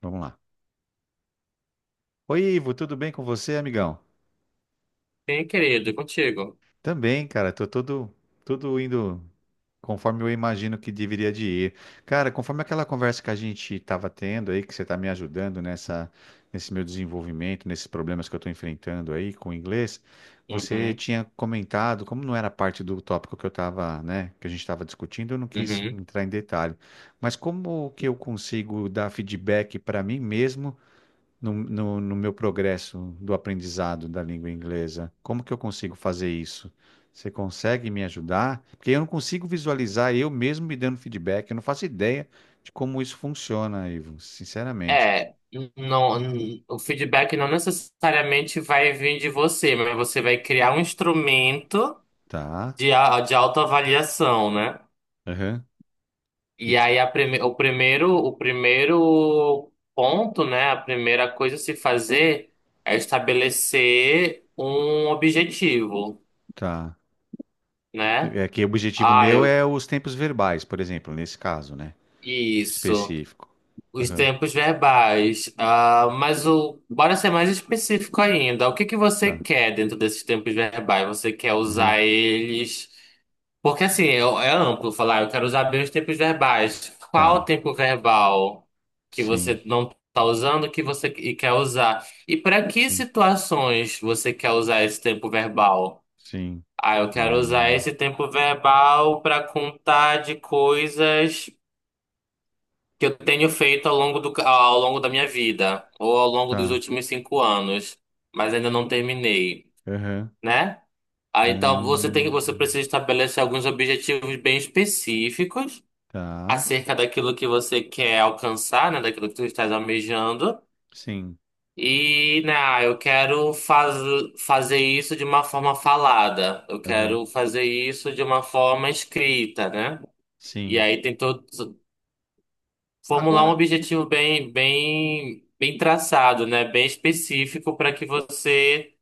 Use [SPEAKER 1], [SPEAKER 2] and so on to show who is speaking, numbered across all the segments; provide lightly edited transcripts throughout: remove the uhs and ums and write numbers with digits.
[SPEAKER 1] Vamos lá. Oi, Ivo, tudo bem com você, amigão?
[SPEAKER 2] Sim, querido, contigo.
[SPEAKER 1] Também, cara, tudo indo conforme eu imagino que deveria de ir. Cara, conforme aquela conversa que a gente tava tendo aí, que você tá me ajudando nesse meu desenvolvimento, nesses problemas que eu tô enfrentando aí com o inglês, você
[SPEAKER 2] Uhum,
[SPEAKER 1] tinha comentado, como não era parte do tópico que eu tava, né, que a gente tava discutindo, eu não quis
[SPEAKER 2] uhum.
[SPEAKER 1] entrar em detalhe. Mas como que eu consigo dar feedback para mim mesmo no meu progresso do aprendizado da língua inglesa? Como que eu consigo fazer isso? Você consegue me ajudar? Porque eu não consigo visualizar eu mesmo me dando feedback. Eu não faço ideia de como isso funciona, Ivo, sinceramente.
[SPEAKER 2] É, o feedback não necessariamente vai vir de você, mas você vai criar um instrumento
[SPEAKER 1] Tá?
[SPEAKER 2] de, de autoavaliação, né?
[SPEAKER 1] Aham. E
[SPEAKER 2] E aí a prime, o primeiro ponto, né? A primeira coisa a se fazer é estabelecer um objetivo,
[SPEAKER 1] tá.
[SPEAKER 2] né?
[SPEAKER 1] É que o objetivo
[SPEAKER 2] Ah,
[SPEAKER 1] meu
[SPEAKER 2] eu,
[SPEAKER 1] é os tempos verbais, por exemplo, nesse caso, né?
[SPEAKER 2] isso.
[SPEAKER 1] Específico.
[SPEAKER 2] Os
[SPEAKER 1] Aham.
[SPEAKER 2] tempos verbais. Bora ser mais específico ainda. O que que você
[SPEAKER 1] Tá.
[SPEAKER 2] quer dentro desses tempos verbais? Você quer
[SPEAKER 1] Aham.
[SPEAKER 2] usar eles? Porque assim, é amplo falar, eu quero usar bem os tempos verbais. Qual o
[SPEAKER 1] Tá.
[SPEAKER 2] tempo verbal que
[SPEAKER 1] Sim.
[SPEAKER 2] você não está usando que você quer usar? E para que
[SPEAKER 1] Sim.
[SPEAKER 2] situações você quer usar esse tempo verbal?
[SPEAKER 1] Sim.
[SPEAKER 2] Ah, eu quero usar
[SPEAKER 1] Ahn,
[SPEAKER 2] esse tempo verbal para contar de coisas que eu tenho feito ao longo ao longo da minha vida, ou ao longo dos
[SPEAKER 1] tá.
[SPEAKER 2] últimos cinco anos, mas ainda não terminei,
[SPEAKER 1] Aham.
[SPEAKER 2] né? Ah, então você
[SPEAKER 1] Ahn.
[SPEAKER 2] precisa estabelecer alguns objetivos bem específicos
[SPEAKER 1] Tá.
[SPEAKER 2] acerca daquilo que você quer alcançar, né? Daquilo que você está almejando.
[SPEAKER 1] Sim.
[SPEAKER 2] E, né, fazer isso de uma forma falada, eu
[SPEAKER 1] Aham.
[SPEAKER 2] quero fazer isso de uma forma escrita, né? E
[SPEAKER 1] Sim.
[SPEAKER 2] aí formular um
[SPEAKER 1] Agora,
[SPEAKER 2] objetivo bem traçado, né? Bem específico para que você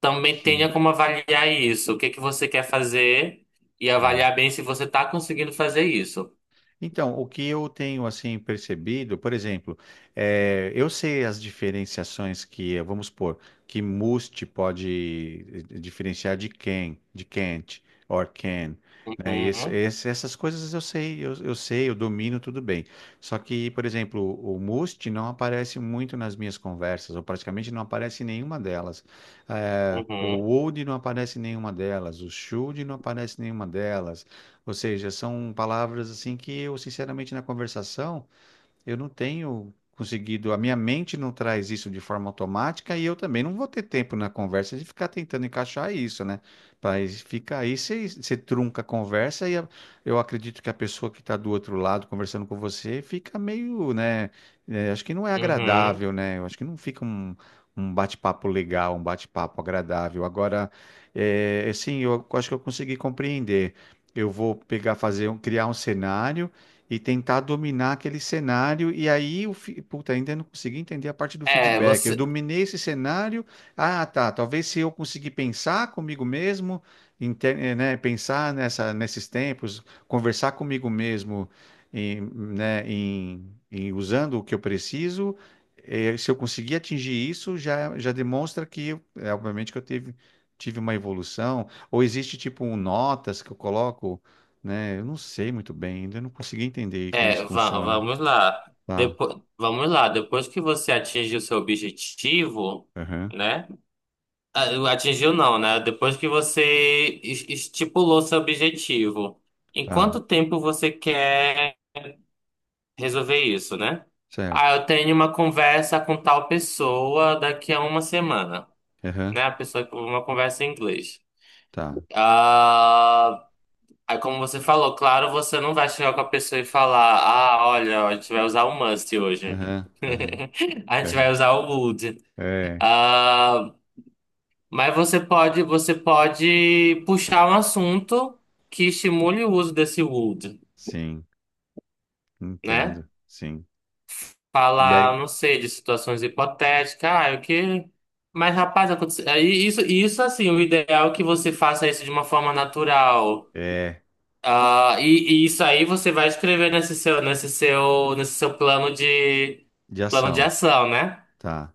[SPEAKER 2] também
[SPEAKER 1] sim.
[SPEAKER 2] tenha como avaliar isso. O que que você quer fazer e
[SPEAKER 1] Tá.
[SPEAKER 2] avaliar bem se você está conseguindo fazer isso.
[SPEAKER 1] Então, o que eu tenho assim percebido, por exemplo, eu sei as diferenciações que, vamos supor, que must pode diferenciar de can, de can't, or can, né? E esse-
[SPEAKER 2] Uhum,
[SPEAKER 1] esse- essas coisas eu sei, eu domino tudo bem. Só que, por exemplo, o must não aparece muito nas minhas conversas, ou praticamente não aparece em nenhuma delas. O
[SPEAKER 2] uhum,
[SPEAKER 1] would não aparece em nenhuma delas, o should não aparece em nenhuma delas. Ou seja, são palavras assim que eu, sinceramente, na conversação, eu não tenho conseguido, a minha mente não traz isso de forma automática e eu também não vou ter tempo na conversa de ficar tentando encaixar isso, né? Mas fica aí, você trunca a conversa e a- eu acredito que a pessoa que está do outro lado conversando com você fica meio, né? É, acho que não é
[SPEAKER 2] uhum.
[SPEAKER 1] agradável, né? Eu acho que não fica um bate-papo legal, um bate-papo agradável. Agora, é, assim, eu acho que eu consegui compreender. Eu vou pegar, criar um cenário e tentar dominar aquele cenário. E aí, puta, ainda não consegui entender a parte do
[SPEAKER 2] É,
[SPEAKER 1] feedback. Eu
[SPEAKER 2] você,
[SPEAKER 1] dominei esse cenário. Ah, tá. Talvez se eu conseguir pensar comigo mesmo, né, pensar nesses tempos, conversar comigo mesmo, em, né, em, em usando o que eu preciso. Eh, se eu conseguir atingir isso, já demonstra que, é, obviamente, que tive uma evolução. Ou existe tipo um notas que eu coloco, né? Eu não sei muito bem, ainda não consegui entender como isso funciona.
[SPEAKER 2] Vamos lá.
[SPEAKER 1] Tá,
[SPEAKER 2] Vamos lá. Depois que você atinge o seu objetivo,
[SPEAKER 1] aham,
[SPEAKER 2] né? Ah, atingiu não, né? Depois que você estipulou seu objetivo, em
[SPEAKER 1] tá,
[SPEAKER 2] quanto tempo você quer resolver isso, né?
[SPEAKER 1] certo.
[SPEAKER 2] Ah, eu tenho uma conversa com tal pessoa daqui a uma semana,
[SPEAKER 1] Aham,
[SPEAKER 2] né? A pessoa com uma conversa em inglês.
[SPEAKER 1] tá,
[SPEAKER 2] Ah, aí como você falou, claro, você não vai chegar com a pessoa e falar, ah, olha, a gente vai usar o must hoje.
[SPEAKER 1] aham, aham,
[SPEAKER 2] A gente
[SPEAKER 1] aham.
[SPEAKER 2] vai usar o would.
[SPEAKER 1] É,
[SPEAKER 2] Ah, mas você pode puxar um assunto que estimule o uso desse would,
[SPEAKER 1] sim,
[SPEAKER 2] né?
[SPEAKER 1] entendo, sim. E
[SPEAKER 2] Falar, não
[SPEAKER 1] aí,
[SPEAKER 2] sei, de situações hipotéticas, ah, o que. Mas, rapaz, aconteceu. Aí Isso assim, o ideal é que você faça isso de uma forma natural.
[SPEAKER 1] é,
[SPEAKER 2] Ah, e isso aí você vai escrever nesse seu
[SPEAKER 1] de
[SPEAKER 2] plano de
[SPEAKER 1] ação,
[SPEAKER 2] ação, né?
[SPEAKER 1] tá.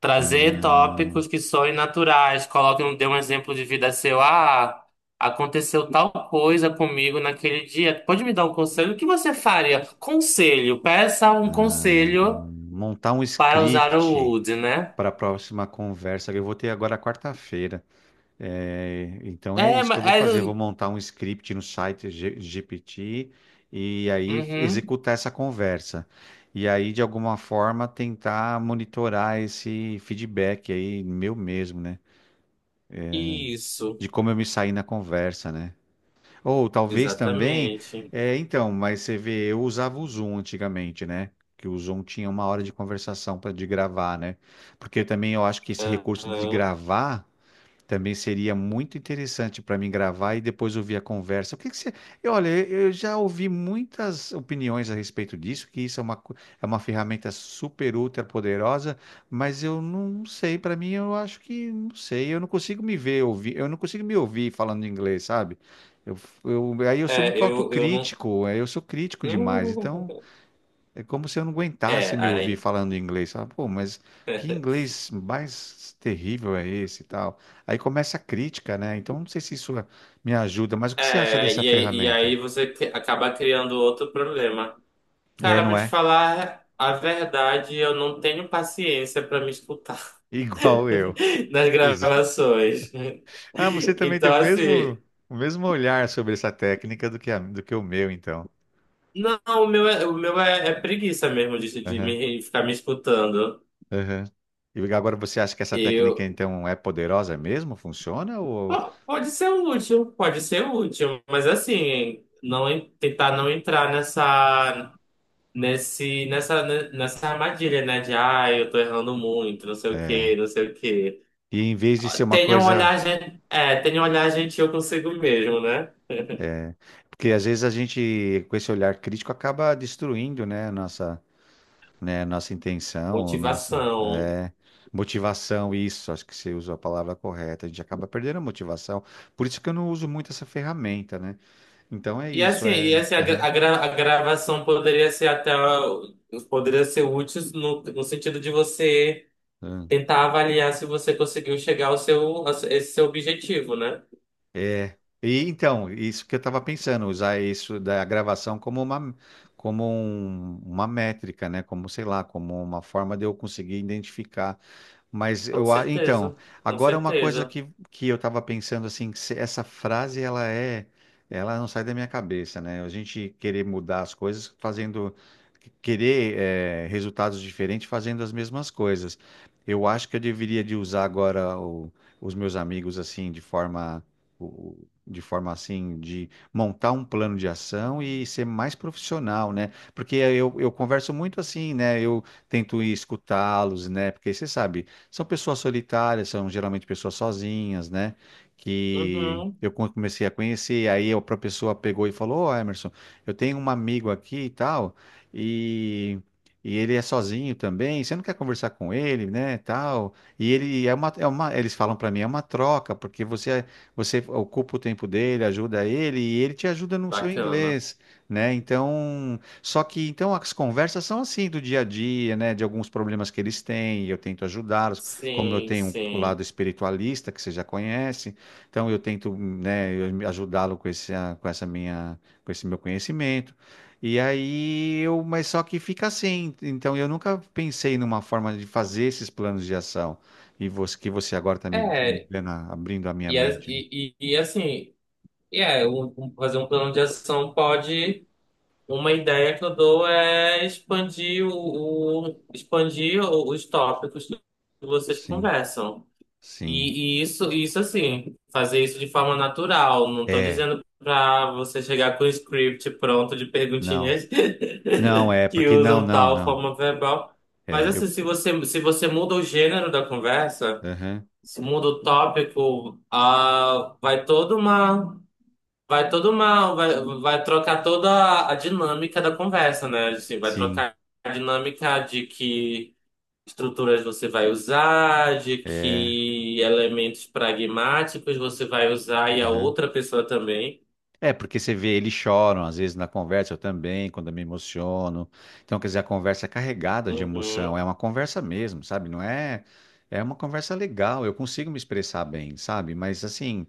[SPEAKER 2] Trazer tópicos que soem naturais. Coloque, dê um exemplo de vida seu. Ah, aconteceu tal coisa comigo naquele dia. Pode me dar um conselho? O que você faria? Conselho. Peça um conselho
[SPEAKER 1] Montar um
[SPEAKER 2] para usar o
[SPEAKER 1] script
[SPEAKER 2] would, né?
[SPEAKER 1] para a próxima conversa. Que eu vou ter agora quarta-feira. É, então é
[SPEAKER 2] É,
[SPEAKER 1] isso que
[SPEAKER 2] mas...
[SPEAKER 1] eu vou
[SPEAKER 2] é,
[SPEAKER 1] fazer. Eu vou montar um script no site GPT e aí
[SPEAKER 2] uhum,
[SPEAKER 1] executar essa conversa. E aí, de alguma forma, tentar monitorar esse feedback aí, meu mesmo, né?
[SPEAKER 2] isso.
[SPEAKER 1] De como eu me saí na conversa, né? Ou talvez também,
[SPEAKER 2] Exatamente.
[SPEAKER 1] é, então, mas você vê, eu usava o Zoom antigamente, né? Que o Zoom tinha uma hora de conversação para de gravar, né? Porque também eu acho que esse recurso de
[SPEAKER 2] Aham.
[SPEAKER 1] gravar. Também seria muito interessante para mim gravar e depois ouvir a conversa. O que que você... eu, olha, eu já ouvi muitas opiniões a respeito disso, que isso é uma, co- é uma ferramenta super ultra poderosa, mas eu não sei. Para mim, eu acho que não sei. Eu não consigo me ver ouvir. Eu não consigo me ouvir falando inglês, sabe? Eu, aí eu sou muito
[SPEAKER 2] Eu não...
[SPEAKER 1] autocrítico. Aí eu sou crítico demais. Então é como se eu não aguentasse
[SPEAKER 2] É,
[SPEAKER 1] me ouvir
[SPEAKER 2] aí...
[SPEAKER 1] falando inglês. Fala, pô, mas que inglês mais terrível é esse e tal? Aí começa a crítica, né? Então não sei se isso me ajuda, mas o que você acha
[SPEAKER 2] É,
[SPEAKER 1] dessa
[SPEAKER 2] e aí, e
[SPEAKER 1] ferramenta?
[SPEAKER 2] aí você acaba criando outro problema.
[SPEAKER 1] É,
[SPEAKER 2] Cara, pra
[SPEAKER 1] não
[SPEAKER 2] te
[SPEAKER 1] é?
[SPEAKER 2] falar a verdade, eu não tenho paciência pra me escutar
[SPEAKER 1] Igual eu.
[SPEAKER 2] nas
[SPEAKER 1] Exato.
[SPEAKER 2] gravações.
[SPEAKER 1] Ah, você também tem o
[SPEAKER 2] Então,
[SPEAKER 1] mesmo,
[SPEAKER 2] assim,
[SPEAKER 1] o mesmo olhar sobre essa técnica do que, a- do que o meu, então.
[SPEAKER 2] não, é preguiça mesmo de
[SPEAKER 1] Aham,
[SPEAKER 2] me, ficar me escutando.
[SPEAKER 1] aham. E agora você acha que essa técnica,
[SPEAKER 2] Eu,
[SPEAKER 1] então, é poderosa mesmo? Funciona? Ou...
[SPEAKER 2] Pode ser útil, pode ser útil, mas assim, tentar não entrar nesse, nessa, nessa armadilha, né? De, ah, eu tô errando muito, não sei o quê, não sei o quê.
[SPEAKER 1] E em vez de ser uma
[SPEAKER 2] Tenham um
[SPEAKER 1] coisa.
[SPEAKER 2] olhar, gen- é, Tenha um eu consigo mesmo, né?
[SPEAKER 1] Porque às vezes a gente, com esse olhar crítico, acaba destruindo, né, a nossa intenção, a nossa,
[SPEAKER 2] Motivação.
[SPEAKER 1] é, motivação, isso, acho que você usou a palavra correta, a gente acaba perdendo a motivação. Por isso que eu não uso muito essa ferramenta, né? Então é isso,
[SPEAKER 2] E
[SPEAKER 1] é.
[SPEAKER 2] assim
[SPEAKER 1] Aham,
[SPEAKER 2] a gravação poderia ser útil no, no sentido de você
[SPEAKER 1] aham.
[SPEAKER 2] tentar avaliar se você conseguiu chegar ao seu a esse seu objetivo, né?
[SPEAKER 1] É. E então, isso que eu estava pensando, usar isso da gravação como uma, uma métrica, né? Como, sei lá, como uma forma de eu conseguir identificar. Mas
[SPEAKER 2] Com
[SPEAKER 1] eu, a- então,
[SPEAKER 2] certeza, com
[SPEAKER 1] agora uma coisa
[SPEAKER 2] certeza.
[SPEAKER 1] que eu estava pensando assim, que se- essa frase ela é, ela não sai da minha cabeça, né? A gente querer mudar as coisas fazendo, querer resultados diferentes fazendo as mesmas coisas. Eu acho que eu deveria de usar agora os meus amigos assim de forma o- de forma assim, de montar um plano de ação e ser mais profissional, né? Porque eu converso muito assim, né? Eu tento ir escutá-los, né? Porque você sabe, são pessoas solitárias, são geralmente pessoas sozinhas, né? Que
[SPEAKER 2] Uhum.
[SPEAKER 1] eu comecei a conhecer, aí a própria pessoa pegou e falou: Ô, Emerson, eu tenho um amigo aqui e tal, e. E ele é sozinho também, você não quer conversar com ele, né, tal. E ele é uma, eles falam para mim, é uma troca, porque você ocupa o tempo dele, ajuda ele e ele te ajuda no seu
[SPEAKER 2] Bacana.
[SPEAKER 1] inglês, né? Então, só que então as conversas são assim do dia a dia, né? De alguns problemas que eles têm, e eu tento ajudá-los, como eu
[SPEAKER 2] Sim,
[SPEAKER 1] tenho o
[SPEAKER 2] sim.
[SPEAKER 1] lado espiritualista que você já conhece, então eu tento, né, eu ajudá-lo com esse, ah, com essa minha, com esse meu conhecimento. E aí eu, mas só que fica assim. Então eu nunca pensei numa forma de fazer esses planos de ação. E você, que você agora está me, me
[SPEAKER 2] É,
[SPEAKER 1] dando a- abrindo a minha
[SPEAKER 2] e, a-
[SPEAKER 1] mente, né?
[SPEAKER 2] e, e assim, e é, um- um- Fazer um plano de ação pode. Uma ideia que eu dou é expandir expandir os tópicos que vocês
[SPEAKER 1] Sim,
[SPEAKER 2] conversam.
[SPEAKER 1] sim.
[SPEAKER 2] E, isso assim, fazer isso de forma natural. Não estou
[SPEAKER 1] É,
[SPEAKER 2] dizendo para você chegar com o script pronto de
[SPEAKER 1] não.
[SPEAKER 2] perguntinhas
[SPEAKER 1] Não, é,
[SPEAKER 2] que
[SPEAKER 1] porque não,
[SPEAKER 2] usam
[SPEAKER 1] não,
[SPEAKER 2] tal
[SPEAKER 1] não.
[SPEAKER 2] forma verbal. Mas
[SPEAKER 1] É,
[SPEAKER 2] assim,
[SPEAKER 1] eu.
[SPEAKER 2] se você muda o gênero da conversa,
[SPEAKER 1] Aham,
[SPEAKER 2] se muda o tópico, ah, vai toda uma vai todo mal, vai trocar toda a dinâmica da conversa, né? Assim, vai
[SPEAKER 1] sim,
[SPEAKER 2] trocar a dinâmica de que estruturas você vai usar, de
[SPEAKER 1] é.
[SPEAKER 2] que elementos pragmáticos você vai usar e a
[SPEAKER 1] Aham.
[SPEAKER 2] outra pessoa também.
[SPEAKER 1] É, porque você vê, eles choram, às vezes na conversa eu também, quando eu me emociono. Então, quer dizer, a conversa é carregada de emoção, é
[SPEAKER 2] Uhum.
[SPEAKER 1] uma conversa mesmo, sabe? Não é. É uma conversa legal, eu consigo me expressar bem, sabe? Mas assim.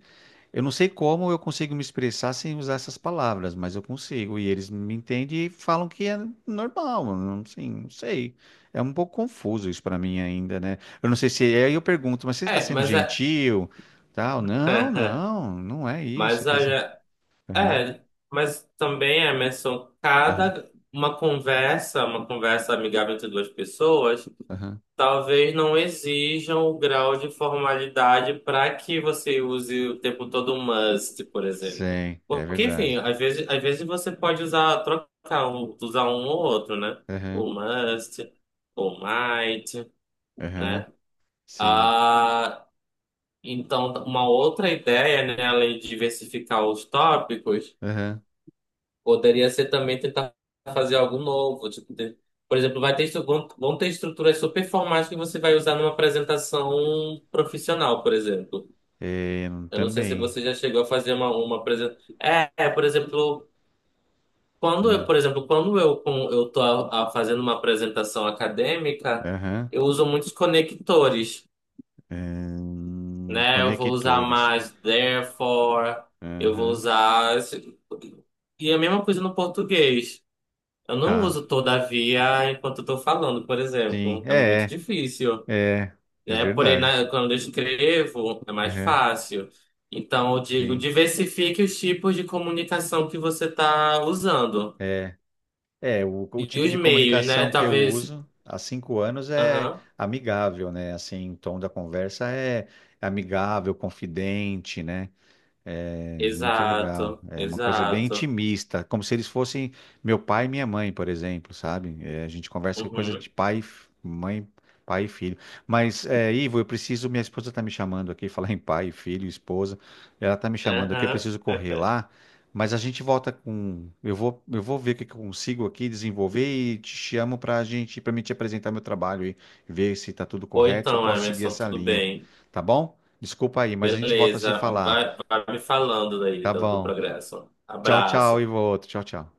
[SPEAKER 1] Eu não sei como eu consigo me expressar sem usar essas palavras, mas eu consigo. E eles me entendem e falam que é normal. Não, assim, não sei. É um pouco confuso isso pra mim ainda, né? Eu não sei se. Aí eu pergunto, mas você está
[SPEAKER 2] É,
[SPEAKER 1] sendo
[SPEAKER 2] mas é,
[SPEAKER 1] gentil? Tal? Não, não, não é isso.
[SPEAKER 2] mas
[SPEAKER 1] Quer dizer.
[SPEAKER 2] é,
[SPEAKER 1] Aham,
[SPEAKER 2] é, mas também, Emerson,
[SPEAKER 1] aham,
[SPEAKER 2] uma conversa amigável entre duas pessoas
[SPEAKER 1] aham.
[SPEAKER 2] talvez não exijam o grau de formalidade para que você use o tempo todo o must, por exemplo.
[SPEAKER 1] Sim, é
[SPEAKER 2] Porque, enfim,
[SPEAKER 1] verdade.
[SPEAKER 2] às vezes você pode usar, usar um ou outro, né? O
[SPEAKER 1] Aham,
[SPEAKER 2] must, o might,
[SPEAKER 1] aham,
[SPEAKER 2] né?
[SPEAKER 1] sim.
[SPEAKER 2] Ah, então, uma outra ideia, né, além de diversificar os tópicos,
[SPEAKER 1] Aham,
[SPEAKER 2] poderia ser também tentar fazer algo novo, por exemplo, vai ter, vão ter estruturas super formais que você vai usar numa apresentação profissional, por exemplo.
[SPEAKER 1] é,
[SPEAKER 2] Eu não sei se
[SPEAKER 1] também.
[SPEAKER 2] você já chegou a fazer uma apresentação. Por exemplo,
[SPEAKER 1] Hum,
[SPEAKER 2] quando eu, eu tô fazendo uma apresentação acadêmica,
[SPEAKER 1] Aham,
[SPEAKER 2] eu uso muitos conectores, né? Eu vou usar
[SPEAKER 1] conectores.
[SPEAKER 2] mais therefore, eu vou
[SPEAKER 1] Aham,
[SPEAKER 2] usar... esse- e a mesma coisa no português. Eu não
[SPEAKER 1] tá.
[SPEAKER 2] uso todavia enquanto eu tô falando, por
[SPEAKER 1] Sim,
[SPEAKER 2] exemplo. É muito
[SPEAKER 1] é,
[SPEAKER 2] difícil,
[SPEAKER 1] é, é é
[SPEAKER 2] né? Porém,
[SPEAKER 1] verdade.
[SPEAKER 2] quando eu escrevo, é mais
[SPEAKER 1] Uhum,
[SPEAKER 2] fácil. Então, eu digo,
[SPEAKER 1] sim,
[SPEAKER 2] diversifique os tipos de comunicação que você está usando.
[SPEAKER 1] é, é o
[SPEAKER 2] E
[SPEAKER 1] tipo
[SPEAKER 2] os
[SPEAKER 1] de
[SPEAKER 2] meios, né?
[SPEAKER 1] comunicação que eu
[SPEAKER 2] Talvez.
[SPEAKER 1] uso há 5 anos é
[SPEAKER 2] Aham.
[SPEAKER 1] amigável, né? Assim, o tom da conversa é amigável, confidente, né? É muito legal.
[SPEAKER 2] Exato,
[SPEAKER 1] É uma coisa bem
[SPEAKER 2] exato.
[SPEAKER 1] intimista, como se eles fossem meu pai e minha mãe, por exemplo, sabe? É, a gente conversa que é coisa de
[SPEAKER 2] Uhum.
[SPEAKER 1] pai, e f- mãe, pai e filho. Mas, é, Ivo, eu preciso. Minha esposa está me chamando aqui, falar em pai, filho, esposa. Ela está me chamando aqui, eu
[SPEAKER 2] Aham.
[SPEAKER 1] preciso correr lá. Mas a gente volta com. Eu vou ver o que que eu consigo aqui desenvolver e te chamo para a gente, para me te apresentar meu trabalho e ver se está tudo
[SPEAKER 2] Ou
[SPEAKER 1] correto, se eu
[SPEAKER 2] então,
[SPEAKER 1] posso seguir
[SPEAKER 2] Emerson,
[SPEAKER 1] essa
[SPEAKER 2] tudo
[SPEAKER 1] linha,
[SPEAKER 2] bem.
[SPEAKER 1] tá bom? Desculpa aí, mas a gente volta a se
[SPEAKER 2] Beleza.
[SPEAKER 1] falar.
[SPEAKER 2] Vai me falando daí
[SPEAKER 1] Tá
[SPEAKER 2] do
[SPEAKER 1] bom.
[SPEAKER 2] progresso.
[SPEAKER 1] Tchau, tchau,
[SPEAKER 2] Abraço.
[SPEAKER 1] Ivo. Tchau, tchau.